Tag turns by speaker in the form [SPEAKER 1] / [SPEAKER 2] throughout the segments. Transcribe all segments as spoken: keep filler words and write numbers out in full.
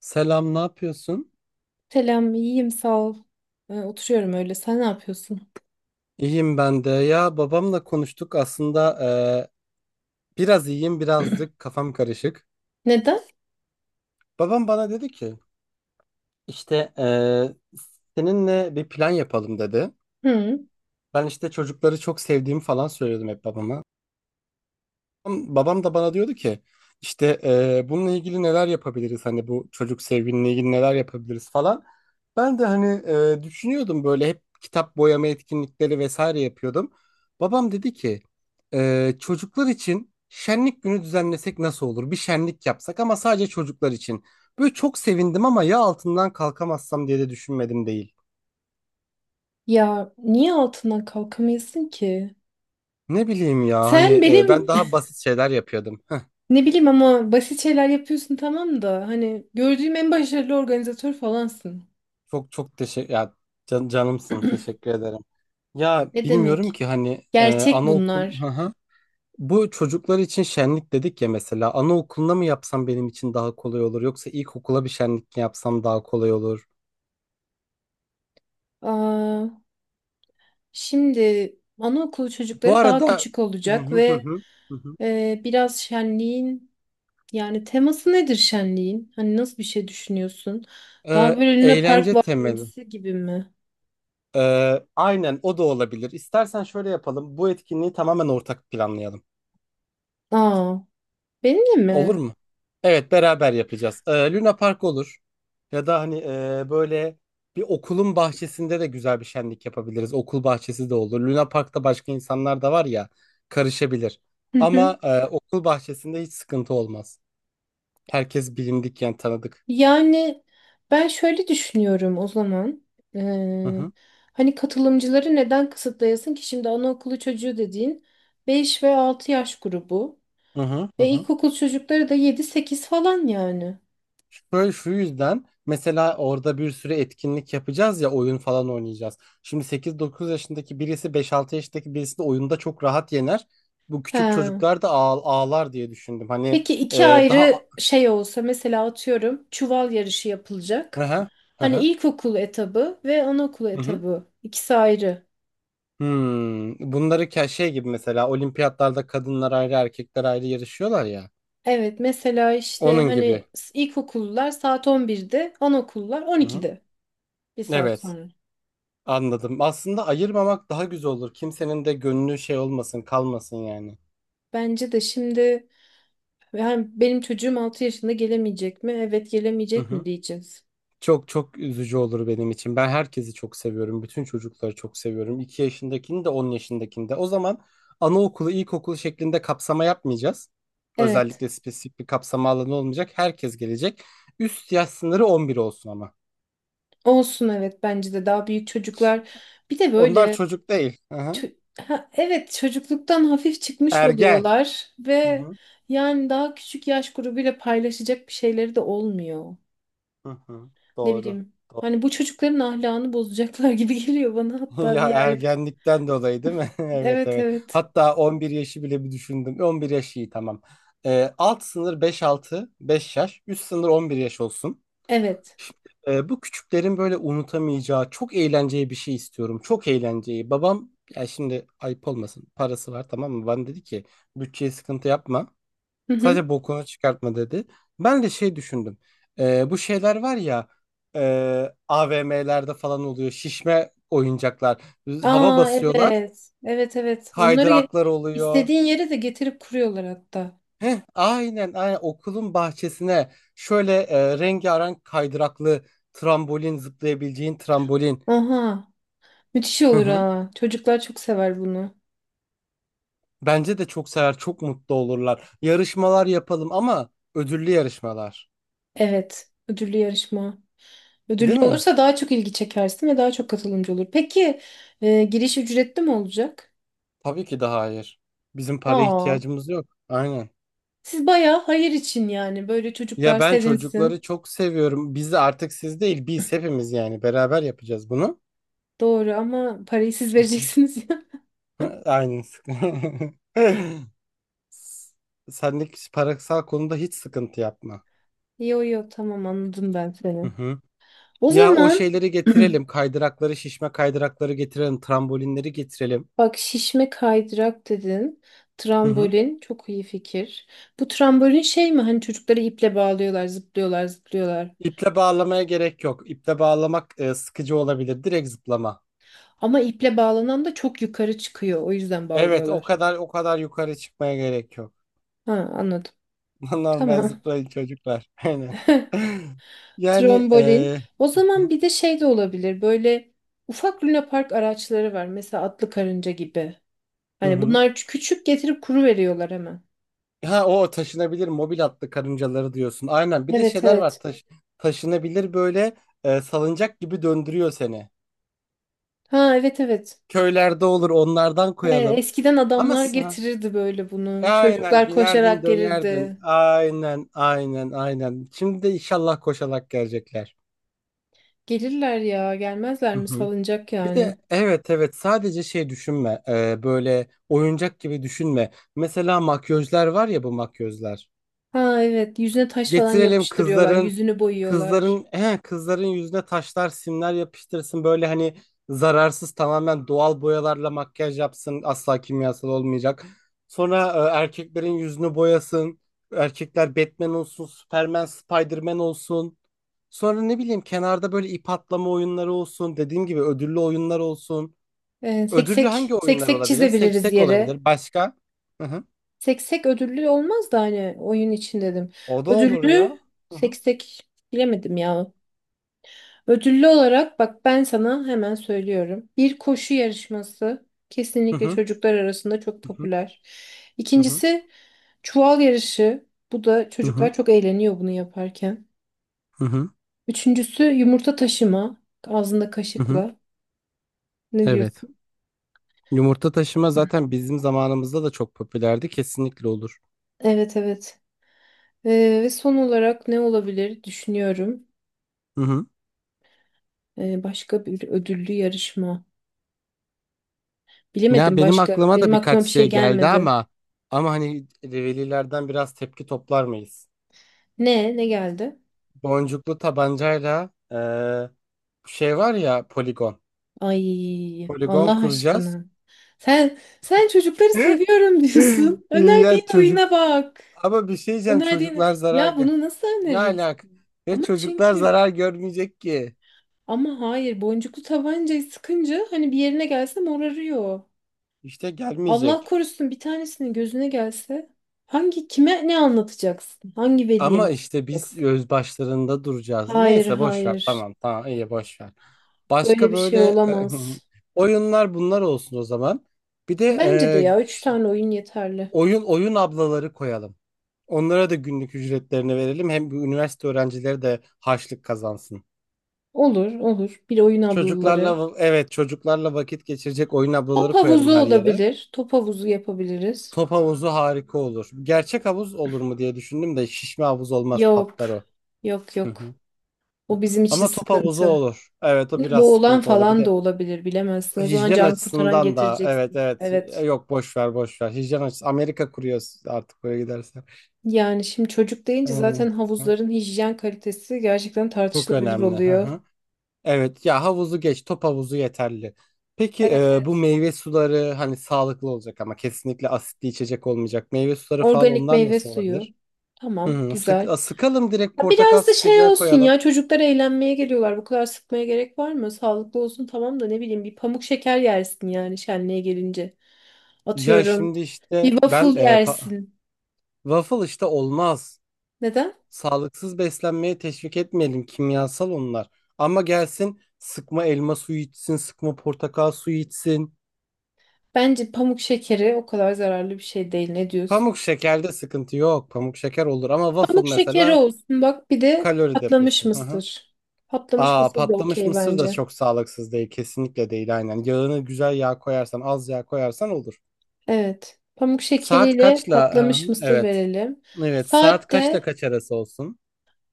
[SPEAKER 1] Selam, ne yapıyorsun?
[SPEAKER 2] Selam, iyiyim sağ ol. Ee, oturuyorum öyle. Sen ne yapıyorsun?
[SPEAKER 1] İyiyim ben de. Ya babamla konuştuk aslında eee, biraz iyiyim, birazcık kafam karışık.
[SPEAKER 2] Neden?
[SPEAKER 1] Babam bana dedi ki işte eee, seninle bir plan yapalım dedi.
[SPEAKER 2] Hı.
[SPEAKER 1] Ben işte çocukları çok sevdiğimi falan söylüyordum hep babama. Babam babam da bana diyordu ki işte eee, bununla ilgili neler yapabiliriz, hani bu çocuk sevginle ilgili neler yapabiliriz falan. Ben de hani eee, düşünüyordum böyle, hep kitap boyama etkinlikleri vesaire yapıyordum. Babam dedi ki eee, çocuklar için şenlik günü düzenlesek nasıl olur? Bir şenlik yapsak ama sadece çocuklar için. Böyle çok sevindim ama ya altından kalkamazsam diye de düşünmedim değil.
[SPEAKER 2] Ya niye altından kalkamıyorsun ki?
[SPEAKER 1] Ne bileyim ya, hani
[SPEAKER 2] Sen
[SPEAKER 1] eee, ben
[SPEAKER 2] benim
[SPEAKER 1] daha basit şeyler yapıyordum.
[SPEAKER 2] ne bileyim, ama basit şeyler yapıyorsun, tamam, da hani gördüğüm en başarılı organizatör falansın.
[SPEAKER 1] Çok çok teşekkür ya, can- canımsın, teşekkür ederim. Ya
[SPEAKER 2] Ne
[SPEAKER 1] bilmiyorum
[SPEAKER 2] demek?
[SPEAKER 1] ki hani e,
[SPEAKER 2] Gerçek
[SPEAKER 1] anaokul, hı
[SPEAKER 2] bunlar.
[SPEAKER 1] hı. Bu çocuklar için şenlik dedik ya, mesela anaokuluna mı yapsam benim için daha kolay olur yoksa ilkokula bir şenlik mi yapsam daha kolay olur.
[SPEAKER 2] Aa, şimdi anaokulu
[SPEAKER 1] Bu
[SPEAKER 2] çocukları daha
[SPEAKER 1] arada.
[SPEAKER 2] küçük
[SPEAKER 1] Hı
[SPEAKER 2] olacak
[SPEAKER 1] hı hı
[SPEAKER 2] ve
[SPEAKER 1] hı, hı hı.
[SPEAKER 2] e, biraz şenliğin Yani teması nedir şenliğin? Hani nasıl bir şey düşünüyorsun? Daha
[SPEAKER 1] E,
[SPEAKER 2] böyle Luna Park
[SPEAKER 1] eğlence temeli.
[SPEAKER 2] varimsi gibi mi?
[SPEAKER 1] E, aynen, o da olabilir. İstersen şöyle yapalım. Bu etkinliği tamamen ortak planlayalım.
[SPEAKER 2] Aa, benimle
[SPEAKER 1] Olur
[SPEAKER 2] mi?
[SPEAKER 1] mu? Evet, beraber yapacağız. Ee, Luna Park olur. Ya da hani e, böyle bir okulun bahçesinde de güzel bir şenlik yapabiliriz. Okul bahçesi de olur. Luna Park'ta başka insanlar da var ya, karışabilir.
[SPEAKER 2] Hı hı.
[SPEAKER 1] Ama e, okul bahçesinde hiç sıkıntı olmaz. Herkes bilindik, yani tanıdık.
[SPEAKER 2] Yani ben şöyle düşünüyorum o zaman.
[SPEAKER 1] Hı
[SPEAKER 2] Ee,
[SPEAKER 1] hı,
[SPEAKER 2] hani katılımcıları neden kısıtlayasın ki? Şimdi anaokulu çocuğu dediğin beş ve altı yaş grubu.
[SPEAKER 1] hı hı, hı
[SPEAKER 2] Ve
[SPEAKER 1] hı.
[SPEAKER 2] ilkokul çocukları da yedi sekiz falan yani.
[SPEAKER 1] Şöyle şu yüzden, mesela orada bir sürü etkinlik yapacağız ya, oyun falan oynayacağız. Şimdi sekiz dokuz yaşındaki birisi beş altı yaşındaki birisini oyunda çok rahat yener. Bu küçük
[SPEAKER 2] He.
[SPEAKER 1] çocuklar da ağ- ağlar diye düşündüm. Hani
[SPEAKER 2] Peki, iki
[SPEAKER 1] e, daha...
[SPEAKER 2] ayrı şey olsa, mesela atıyorum çuval yarışı
[SPEAKER 1] Hı
[SPEAKER 2] yapılacak.
[SPEAKER 1] hı. Hı
[SPEAKER 2] Hani
[SPEAKER 1] hı.
[SPEAKER 2] ilkokul etabı ve anaokulu
[SPEAKER 1] Hı hı.
[SPEAKER 2] etabı, ikisi ayrı.
[SPEAKER 1] Hmm. Bunları ke- şey gibi, mesela olimpiyatlarda kadınlar ayrı erkekler ayrı yarışıyorlar ya.
[SPEAKER 2] Evet, mesela işte
[SPEAKER 1] Onun gibi.
[SPEAKER 2] hani s- ilkokullar saat on birde, anaokullar
[SPEAKER 1] Hı hı.
[SPEAKER 2] on ikide, bir saat
[SPEAKER 1] Evet,
[SPEAKER 2] sonra.
[SPEAKER 1] anladım. Aslında ayırmamak daha güzel olur. Kimsenin de gönlü şey olmasın, kalmasın yani.
[SPEAKER 2] Bence de şimdi yani benim çocuğum altı yaşında gelemeyecek mi? Evet
[SPEAKER 1] Hı
[SPEAKER 2] gelemeyecek mi
[SPEAKER 1] hı.
[SPEAKER 2] diyeceğiz.
[SPEAKER 1] Çok çok üzücü olur benim için. Ben herkesi çok seviyorum. Bütün çocukları çok seviyorum. iki yaşındakini de on yaşındakini de. O zaman anaokulu, ilkokulu şeklinde kapsama yapmayacağız.
[SPEAKER 2] Evet.
[SPEAKER 1] Özellikle spesifik bir kapsama alanı olmayacak. Herkes gelecek. Üst yaş sınırı on bir olsun ama.
[SPEAKER 2] Olsun, evet, bence de daha büyük çocuklar. Bir de
[SPEAKER 1] Onlar
[SPEAKER 2] böyle
[SPEAKER 1] çocuk değil. Hı hı.
[SPEAKER 2] Çö- ha, evet, çocukluktan hafif çıkmış
[SPEAKER 1] Ergen.
[SPEAKER 2] oluyorlar
[SPEAKER 1] Hı
[SPEAKER 2] ve
[SPEAKER 1] hı.
[SPEAKER 2] yani daha küçük yaş grubuyla paylaşacak bir şeyleri de olmuyor.
[SPEAKER 1] Hı hı.
[SPEAKER 2] Ne
[SPEAKER 1] Doğru.
[SPEAKER 2] bileyim. Hani bu çocukların ahlakını bozacaklar gibi geliyor bana, hatta bir
[SPEAKER 1] Ya
[SPEAKER 2] yerde.
[SPEAKER 1] ergenlikten dolayı değil mi? Evet
[SPEAKER 2] Evet,
[SPEAKER 1] evet.
[SPEAKER 2] evet.
[SPEAKER 1] Hatta on bir yaşı bile bir düşündüm. on bir yaş iyi, tamam. Ee, alt sınır beş altı, beş yaş. Üst sınır on bir yaş olsun.
[SPEAKER 2] Evet.
[SPEAKER 1] Ee, bu küçüklerin böyle unutamayacağı çok eğlenceli bir şey istiyorum. Çok eğlenceli. Babam, ya şimdi ayıp olmasın, parası var, tamam mı? Bana dedi ki bütçeye sıkıntı yapma.
[SPEAKER 2] Hı hı.
[SPEAKER 1] Sadece bokunu çıkartma dedi. Ben de şey düşündüm. Ee, bu şeyler var ya, e, A V M'lerde falan oluyor. Şişme oyuncaklar. Hava
[SPEAKER 2] Aa,
[SPEAKER 1] basıyorlar.
[SPEAKER 2] evet. Evet, evet. Onları ge-
[SPEAKER 1] Kaydıraklar oluyor.
[SPEAKER 2] istediğin yere de getirip kuruyorlar hatta.
[SPEAKER 1] Heh, aynen, aynen okulun bahçesine şöyle e, rengarenk kaydıraklı trambolin, zıplayabileceğin trambolin.
[SPEAKER 2] Aha. Müthiş
[SPEAKER 1] Hı
[SPEAKER 2] olur
[SPEAKER 1] hı.
[SPEAKER 2] ha. Çocuklar çok sever bunu.
[SPEAKER 1] Bence de çok sever, çok mutlu olurlar. Yarışmalar yapalım ama ödüllü yarışmalar.
[SPEAKER 2] Evet. Ödüllü yarışma. Ödüllü
[SPEAKER 1] Değil mi?
[SPEAKER 2] olursa daha çok ilgi çekersin ve daha çok katılımcı olur. Peki, e, giriş ücretli mi olacak?
[SPEAKER 1] Tabii ki de hayır. Bizim paraya
[SPEAKER 2] Aa,
[SPEAKER 1] ihtiyacımız yok. Aynen.
[SPEAKER 2] siz bayağı hayır için yani, böyle
[SPEAKER 1] Ya
[SPEAKER 2] çocuklar
[SPEAKER 1] ben çocukları
[SPEAKER 2] sevinsin.
[SPEAKER 1] çok seviyorum. Biz de artık siz değil, biz hepimiz, yani beraber yapacağız bunu.
[SPEAKER 2] Doğru ama parayı siz
[SPEAKER 1] Hı hı.
[SPEAKER 2] vereceksiniz ya.
[SPEAKER 1] Aynen. Sendeki parasal konuda hiç sıkıntı yapma.
[SPEAKER 2] Yo yo, tamam, anladım ben
[SPEAKER 1] Hı
[SPEAKER 2] seni.
[SPEAKER 1] hı.
[SPEAKER 2] O
[SPEAKER 1] Ya o
[SPEAKER 2] zaman
[SPEAKER 1] şeyleri getirelim. Kaydırakları, şişme kaydırakları getirelim. Trambolinleri getirelim.
[SPEAKER 2] bak, şişme kaydırak dedin.
[SPEAKER 1] Hı hı.
[SPEAKER 2] Trambolin çok iyi fikir. Bu trambolin şey mi, hani çocukları iple bağlıyorlar, zıplıyorlar zıplıyorlar?
[SPEAKER 1] İple bağlamaya gerek yok. İple bağlamak e, sıkıcı olabilir. Direkt zıplama.
[SPEAKER 2] Ama iple bağlanan da çok yukarı çıkıyor, o yüzden
[SPEAKER 1] Evet, o
[SPEAKER 2] bağlıyorlar.
[SPEAKER 1] kadar o kadar yukarı çıkmaya gerek yok.
[SPEAKER 2] Ha, anladım.
[SPEAKER 1] Normal
[SPEAKER 2] Tamam.
[SPEAKER 1] zıplayın çocuklar. Aynen. Yani
[SPEAKER 2] Trombolin.
[SPEAKER 1] eee,
[SPEAKER 2] O zaman bir de şey de olabilir. Böyle ufak lunapark araçları var. Mesela atlı karınca gibi.
[SPEAKER 1] hı
[SPEAKER 2] Hani
[SPEAKER 1] hı.
[SPEAKER 2] bunlar ç- küçük, getirip kuru veriyorlar hemen.
[SPEAKER 1] Ha, o taşınabilir mobil atlı karıncaları diyorsun. Aynen. Bir de
[SPEAKER 2] Evet,
[SPEAKER 1] şeyler var,
[SPEAKER 2] evet.
[SPEAKER 1] taş taşınabilir böyle e, salıncak gibi döndürüyor seni.
[SPEAKER 2] Ha, evet, evet.
[SPEAKER 1] Köylerde olur, onlardan
[SPEAKER 2] He,
[SPEAKER 1] koyalım.
[SPEAKER 2] eskiden
[SPEAKER 1] Ama
[SPEAKER 2] adamlar
[SPEAKER 1] s- ha,
[SPEAKER 2] getirirdi böyle bunu.
[SPEAKER 1] aynen
[SPEAKER 2] Çocuklar
[SPEAKER 1] binerdin
[SPEAKER 2] koşarak
[SPEAKER 1] dönerdin.
[SPEAKER 2] gelirdi.
[SPEAKER 1] Aynen aynen aynen. Şimdi de inşallah koşarak gelecekler.
[SPEAKER 2] Gelirler ya, gelmezler mi? Salınacak
[SPEAKER 1] Bir
[SPEAKER 2] yani.
[SPEAKER 1] de evet evet, sadece şey düşünme. Ee, böyle oyuncak gibi düşünme. Mesela makyözler var ya, bu makyözler.
[SPEAKER 2] Ha evet, yüzüne taş falan
[SPEAKER 1] Getirelim,
[SPEAKER 2] yapıştırıyorlar,
[SPEAKER 1] kızların
[SPEAKER 2] yüzünü boyuyorlar.
[SPEAKER 1] kızların he, kızların yüzüne taşlar, simler yapıştırsın, böyle hani zararsız, tamamen doğal boyalarla makyaj yapsın, asla kimyasal olmayacak. Sonra e, erkeklerin yüzünü boyasın. Erkekler Batman olsun, Superman, Spiderman olsun. Sonra ne bileyim, kenarda böyle ip atlama oyunları olsun. Dediğim gibi ödüllü oyunlar olsun.
[SPEAKER 2] Ee,
[SPEAKER 1] Ödüllü hangi
[SPEAKER 2] seksek,
[SPEAKER 1] oyunlar
[SPEAKER 2] seksek
[SPEAKER 1] olabilir?
[SPEAKER 2] çizebiliriz
[SPEAKER 1] Seksek
[SPEAKER 2] yere.
[SPEAKER 1] olabilir. Başka? Hı hı.
[SPEAKER 2] Seksek ödüllü olmaz da hani oyun için dedim.
[SPEAKER 1] O da olur ya.
[SPEAKER 2] Ödüllü
[SPEAKER 1] Hı hı.
[SPEAKER 2] seksek bilemedim ya. Ödüllü olarak bak, ben sana hemen söylüyorum. Bir koşu yarışması
[SPEAKER 1] Hı
[SPEAKER 2] kesinlikle
[SPEAKER 1] hı.
[SPEAKER 2] çocuklar arasında çok
[SPEAKER 1] Hı hı.
[SPEAKER 2] popüler.
[SPEAKER 1] Hı hı.
[SPEAKER 2] İkincisi çuval yarışı. Bu da,
[SPEAKER 1] Hı
[SPEAKER 2] çocuklar çok eğleniyor bunu yaparken.
[SPEAKER 1] hı.
[SPEAKER 2] Üçüncüsü yumurta taşıma, ağzında
[SPEAKER 1] Hı hı.
[SPEAKER 2] kaşıkla. Ne
[SPEAKER 1] Evet.
[SPEAKER 2] diyorsun?
[SPEAKER 1] Yumurta taşıma zaten bizim zamanımızda da çok popülerdi. Kesinlikle olur.
[SPEAKER 2] Evet, evet. Ee, ve son olarak ne olabilir düşünüyorum.
[SPEAKER 1] Hı hı.
[SPEAKER 2] Ee, başka bir ödüllü yarışma.
[SPEAKER 1] Ya
[SPEAKER 2] Bilemedim
[SPEAKER 1] benim
[SPEAKER 2] başka.
[SPEAKER 1] aklıma da
[SPEAKER 2] Benim
[SPEAKER 1] birkaç
[SPEAKER 2] aklıma bir şey
[SPEAKER 1] şey geldi
[SPEAKER 2] gelmedi.
[SPEAKER 1] ama, ama hani velilerden biraz tepki toplar mıyız?
[SPEAKER 2] Ne? Ne geldi?
[SPEAKER 1] Boncuklu tabancayla eee, şey var ya, poligon.
[SPEAKER 2] Ay,
[SPEAKER 1] Poligon
[SPEAKER 2] Allah
[SPEAKER 1] kuracağız.
[SPEAKER 2] aşkına. Sen sen çocukları seviyorum diyorsun. Önerdiğin
[SPEAKER 1] Ya çocuk.
[SPEAKER 2] oyuna bak.
[SPEAKER 1] Ama bir şey diyeceğim,
[SPEAKER 2] Önerdiğin,
[SPEAKER 1] çocuklar zarar
[SPEAKER 2] ya
[SPEAKER 1] gör.
[SPEAKER 2] bunu nasıl
[SPEAKER 1] Ne
[SPEAKER 2] öneririz?
[SPEAKER 1] alak? Ve
[SPEAKER 2] Ama
[SPEAKER 1] çocuklar
[SPEAKER 2] çünkü,
[SPEAKER 1] zarar görmeyecek ki.
[SPEAKER 2] ama hayır, boncuklu tabancayı sıkınca hani bir yerine gelse morarıyor.
[SPEAKER 1] İşte
[SPEAKER 2] Allah
[SPEAKER 1] gelmeyecek.
[SPEAKER 2] korusun bir tanesinin gözüne gelse, hangi kime ne anlatacaksın? Hangi veliye ne
[SPEAKER 1] Ama işte biz
[SPEAKER 2] anlatacaksın?
[SPEAKER 1] öz başlarında duracağız.
[SPEAKER 2] Hayır,
[SPEAKER 1] Neyse, boş ver.
[SPEAKER 2] hayır,
[SPEAKER 1] Tamam tamam, iyi, boş ver.
[SPEAKER 2] böyle
[SPEAKER 1] Başka
[SPEAKER 2] bir
[SPEAKER 1] böyle
[SPEAKER 2] şey
[SPEAKER 1] e,
[SPEAKER 2] olamaz.
[SPEAKER 1] oyunlar bunlar olsun o zaman. Bir de
[SPEAKER 2] Bence de
[SPEAKER 1] e,
[SPEAKER 2] ya üç tane oyun yeterli.
[SPEAKER 1] oyun oyun ablaları koyalım. Onlara da günlük ücretlerini verelim. Hem bu üniversite öğrencileri de harçlık kazansın.
[SPEAKER 2] Olur, olur. Bir oyun ablaları.
[SPEAKER 1] Çocuklarla, evet, çocuklarla vakit geçirecek oyun
[SPEAKER 2] Top
[SPEAKER 1] ablaları
[SPEAKER 2] havuzu
[SPEAKER 1] koyarım her yere.
[SPEAKER 2] olabilir. Top havuzu yapabiliriz.
[SPEAKER 1] Top havuzu harika olur. Gerçek havuz olur mu diye düşündüm de şişme havuz olmaz,
[SPEAKER 2] Yok.
[SPEAKER 1] patlar o.
[SPEAKER 2] Yok,
[SPEAKER 1] Hı hı.
[SPEAKER 2] yok. Bu bizim için
[SPEAKER 1] Ama top havuzu
[SPEAKER 2] sıkıntı.
[SPEAKER 1] olur. Evet, o
[SPEAKER 2] Şimdi
[SPEAKER 1] biraz
[SPEAKER 2] boğulan
[SPEAKER 1] sıkıntı olur. Bir
[SPEAKER 2] falan da
[SPEAKER 1] de
[SPEAKER 2] olabilir, bilemezsin. O zaman
[SPEAKER 1] hijyen
[SPEAKER 2] can kurtaran
[SPEAKER 1] açısından da, evet
[SPEAKER 2] getireceksin.
[SPEAKER 1] evet. E,
[SPEAKER 2] Evet.
[SPEAKER 1] yok boş ver, boş ver. Hijyen açısı Amerika kuruyor artık böyle gidersen.
[SPEAKER 2] Yani şimdi çocuk
[SPEAKER 1] Ee,
[SPEAKER 2] deyince
[SPEAKER 1] hı.
[SPEAKER 2] zaten havuzların hijyen kalitesi gerçekten
[SPEAKER 1] Çok
[SPEAKER 2] tartışılabilir
[SPEAKER 1] önemli. Hı
[SPEAKER 2] oluyor.
[SPEAKER 1] hı. Evet ya, havuzu geç, top havuzu yeterli. Peki
[SPEAKER 2] Evet,
[SPEAKER 1] e, bu
[SPEAKER 2] evet.
[SPEAKER 1] meyve suları hani sağlıklı olacak ama kesinlikle asitli içecek olmayacak. Meyve suları falan,
[SPEAKER 2] Organik
[SPEAKER 1] onlar
[SPEAKER 2] meyve
[SPEAKER 1] nasıl
[SPEAKER 2] suyu.
[SPEAKER 1] olabilir?
[SPEAKER 2] Tamam,
[SPEAKER 1] Hı, sık,
[SPEAKER 2] güzel.
[SPEAKER 1] a, sıkalım direkt,
[SPEAKER 2] Ha,
[SPEAKER 1] portakal
[SPEAKER 2] biraz da şey
[SPEAKER 1] sıkacağı
[SPEAKER 2] olsun ya,
[SPEAKER 1] koyalım.
[SPEAKER 2] çocuklar eğlenmeye geliyorlar. Bu kadar sıkmaya gerek var mı? Sağlıklı olsun, tamam, da ne bileyim, bir pamuk şeker yersin yani şenliğe gelince.
[SPEAKER 1] Ya
[SPEAKER 2] Atıyorum.
[SPEAKER 1] şimdi
[SPEAKER 2] Bir
[SPEAKER 1] işte ben
[SPEAKER 2] waffle
[SPEAKER 1] e, pa-
[SPEAKER 2] yersin.
[SPEAKER 1] waffle işte olmaz.
[SPEAKER 2] Neden?
[SPEAKER 1] Sağlıksız beslenmeye teşvik etmeyelim. Kimyasal onlar. Ama gelsin sıkma elma suyu içsin, sıkma portakal suyu içsin.
[SPEAKER 2] Bence pamuk şekeri o kadar zararlı bir şey değil. Ne diyorsun?
[SPEAKER 1] Pamuk şekerde sıkıntı yok. Pamuk şeker olur ama
[SPEAKER 2] Pamuk
[SPEAKER 1] waffle
[SPEAKER 2] şekeri
[SPEAKER 1] mesela
[SPEAKER 2] olsun. Bak, bir de
[SPEAKER 1] kalori
[SPEAKER 2] patlamış
[SPEAKER 1] deposu. Hı hı.
[SPEAKER 2] mısır. Patlamış
[SPEAKER 1] Aa,
[SPEAKER 2] mısır da
[SPEAKER 1] patlamış
[SPEAKER 2] okey
[SPEAKER 1] mısır da
[SPEAKER 2] bence.
[SPEAKER 1] çok sağlıksız değil. Kesinlikle değil, aynen. Yağını güzel yağ koyarsan, az yağ koyarsan olur.
[SPEAKER 2] Evet. Pamuk
[SPEAKER 1] Saat
[SPEAKER 2] şekeriyle
[SPEAKER 1] kaçla? Hı hı.
[SPEAKER 2] patlamış mısır
[SPEAKER 1] Evet.
[SPEAKER 2] verelim.
[SPEAKER 1] Evet, saat
[SPEAKER 2] Saat
[SPEAKER 1] kaçla
[SPEAKER 2] de
[SPEAKER 1] kaç arası olsun?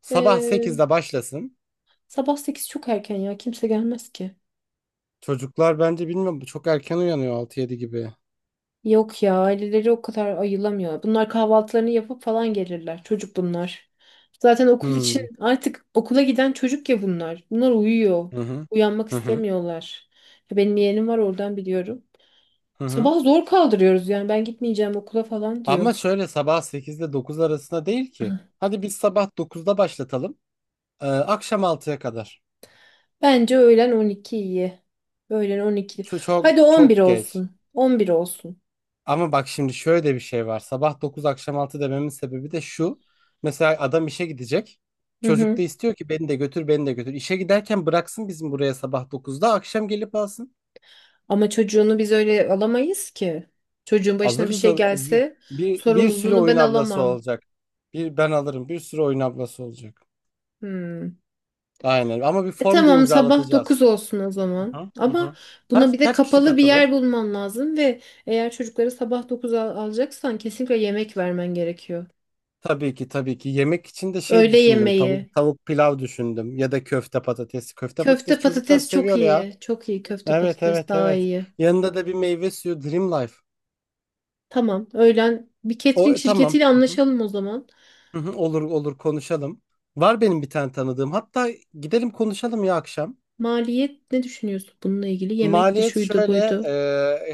[SPEAKER 1] Sabah
[SPEAKER 2] eee,
[SPEAKER 1] sekizde başlasın.
[SPEAKER 2] sabah sekiz çok erken ya. Kimse gelmez ki.
[SPEAKER 1] Çocuklar bence, bilmiyorum, çok erken uyanıyor altı yedi gibi.
[SPEAKER 2] Yok ya, aileleri o kadar ayılamıyor. Bunlar kahvaltılarını yapıp falan gelirler. Çocuk bunlar. Zaten okul için,
[SPEAKER 1] Hmm.
[SPEAKER 2] artık okula giden çocuk ya bunlar. Bunlar uyuyor.
[SPEAKER 1] Hı hı.
[SPEAKER 2] Uyanmak
[SPEAKER 1] Hı hı.
[SPEAKER 2] istemiyorlar. Ya benim yeğenim var, oradan biliyorum.
[SPEAKER 1] Hı hı.
[SPEAKER 2] Sabah zor kaldırıyoruz yani, ben gitmeyeceğim okula falan diyor.
[SPEAKER 1] Ama şöyle, sabah sekizde dokuz arasında değil ki. Hadi biz sabah dokuzda başlatalım. Ee, akşam altıya kadar.
[SPEAKER 2] Bence öğlen on iki iyi. Öğlen on iki.
[SPEAKER 1] Çok çok
[SPEAKER 2] Hadi on bir
[SPEAKER 1] çok geç.
[SPEAKER 2] olsun. On bir olsun.
[SPEAKER 1] Ama bak şimdi şöyle bir şey var. Sabah dokuz akşam altı dememin sebebi de şu. Mesela adam işe gidecek.
[SPEAKER 2] Hı
[SPEAKER 1] Çocuk
[SPEAKER 2] hı.
[SPEAKER 1] da istiyor ki beni de götür, beni de götür. İşe giderken bıraksın bizim buraya sabah dokuzda, akşam gelip alsın.
[SPEAKER 2] Ama çocuğunu biz öyle alamayız ki. Çocuğun başına bir
[SPEAKER 1] Alırız
[SPEAKER 2] şey
[SPEAKER 1] al- bir,
[SPEAKER 2] gelse
[SPEAKER 1] bir, bir sürü
[SPEAKER 2] sorumluluğunu
[SPEAKER 1] oyun
[SPEAKER 2] ben
[SPEAKER 1] ablası
[SPEAKER 2] alamam.
[SPEAKER 1] olacak. Bir ben alırım, bir sürü oyun ablası olacak.
[SPEAKER 2] Hmm.
[SPEAKER 1] Aynen. Ama bir
[SPEAKER 2] E
[SPEAKER 1] form da
[SPEAKER 2] tamam sabah dokuz
[SPEAKER 1] imzalatacağız.
[SPEAKER 2] olsun o zaman.
[SPEAKER 1] Aha,
[SPEAKER 2] Ama
[SPEAKER 1] aha.
[SPEAKER 2] buna bir
[SPEAKER 1] Kaç
[SPEAKER 2] de
[SPEAKER 1] kaç kişi
[SPEAKER 2] kapalı bir yer
[SPEAKER 1] katılır?
[SPEAKER 2] bulman lazım ve eğer çocukları sabah dokuz al alacaksan kesinlikle yemek vermen gerekiyor.
[SPEAKER 1] Tabii ki, tabii ki. Yemek için de şey
[SPEAKER 2] Öğle
[SPEAKER 1] düşündüm.
[SPEAKER 2] yemeği.
[SPEAKER 1] Tavuk tavuk pilav düşündüm ya da köfte patates. Köfte
[SPEAKER 2] Köfte
[SPEAKER 1] patates çocuklar
[SPEAKER 2] patates çok
[SPEAKER 1] seviyor ya.
[SPEAKER 2] iyi. Çok iyi, köfte
[SPEAKER 1] Evet
[SPEAKER 2] patates
[SPEAKER 1] evet
[SPEAKER 2] daha
[SPEAKER 1] evet.
[SPEAKER 2] iyi.
[SPEAKER 1] Yanında da bir meyve suyu, Dream Life.
[SPEAKER 2] Tamam. Öğlen bir
[SPEAKER 1] O
[SPEAKER 2] catering
[SPEAKER 1] e, tamam.
[SPEAKER 2] şirketiyle
[SPEAKER 1] Hı hı.
[SPEAKER 2] anlaşalım o zaman.
[SPEAKER 1] Hı hı. Olur olur, konuşalım. Var benim bir tane tanıdığım. Hatta gidelim konuşalım ya akşam.
[SPEAKER 2] Maliyet ne düşünüyorsun bununla ilgili? Yemek de
[SPEAKER 1] Maliyet
[SPEAKER 2] şuydu
[SPEAKER 1] şöyle,
[SPEAKER 2] buydu.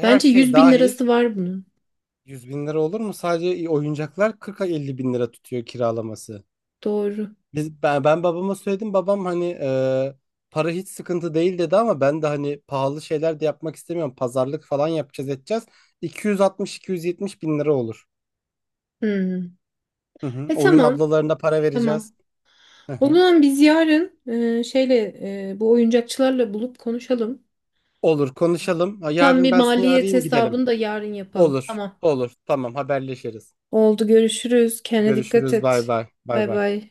[SPEAKER 1] e, her
[SPEAKER 2] Bence
[SPEAKER 1] şey
[SPEAKER 2] yüz bin
[SPEAKER 1] dahil
[SPEAKER 2] lirası var bunun.
[SPEAKER 1] yüz bin lira olur mu? Sadece oyuncaklar kırk elli bin lira tutuyor kiralaması.
[SPEAKER 2] Doğru.
[SPEAKER 1] Biz, ben, ben babama söyledim. Babam hani e, para hiç sıkıntı değil dedi ama ben de hani pahalı şeyler de yapmak istemiyorum. Pazarlık falan yapacağız, edeceğiz. iki yüz altmış iki yüz yetmiş bin lira olur.
[SPEAKER 2] Hmm.
[SPEAKER 1] Hı hı.
[SPEAKER 2] E
[SPEAKER 1] Oyun
[SPEAKER 2] tamam.
[SPEAKER 1] ablalarına para vereceğiz.
[SPEAKER 2] Tamam.
[SPEAKER 1] Hı
[SPEAKER 2] O
[SPEAKER 1] hı.
[SPEAKER 2] zaman biz yarın e, şeyle e, bu oyuncakçılarla bulup konuşalım.
[SPEAKER 1] Olur konuşalım. Ha,
[SPEAKER 2] Tam
[SPEAKER 1] yarın
[SPEAKER 2] bir
[SPEAKER 1] ben seni
[SPEAKER 2] maliyet
[SPEAKER 1] arayayım, gidelim.
[SPEAKER 2] hesabını da yarın yapalım.
[SPEAKER 1] Olur.
[SPEAKER 2] Tamam.
[SPEAKER 1] Olur. Tamam, haberleşiriz.
[SPEAKER 2] Oldu, görüşürüz. Kendine dikkat
[SPEAKER 1] Görüşürüz. Bay
[SPEAKER 2] et.
[SPEAKER 1] bay. Bay
[SPEAKER 2] Bay
[SPEAKER 1] bay.
[SPEAKER 2] bay.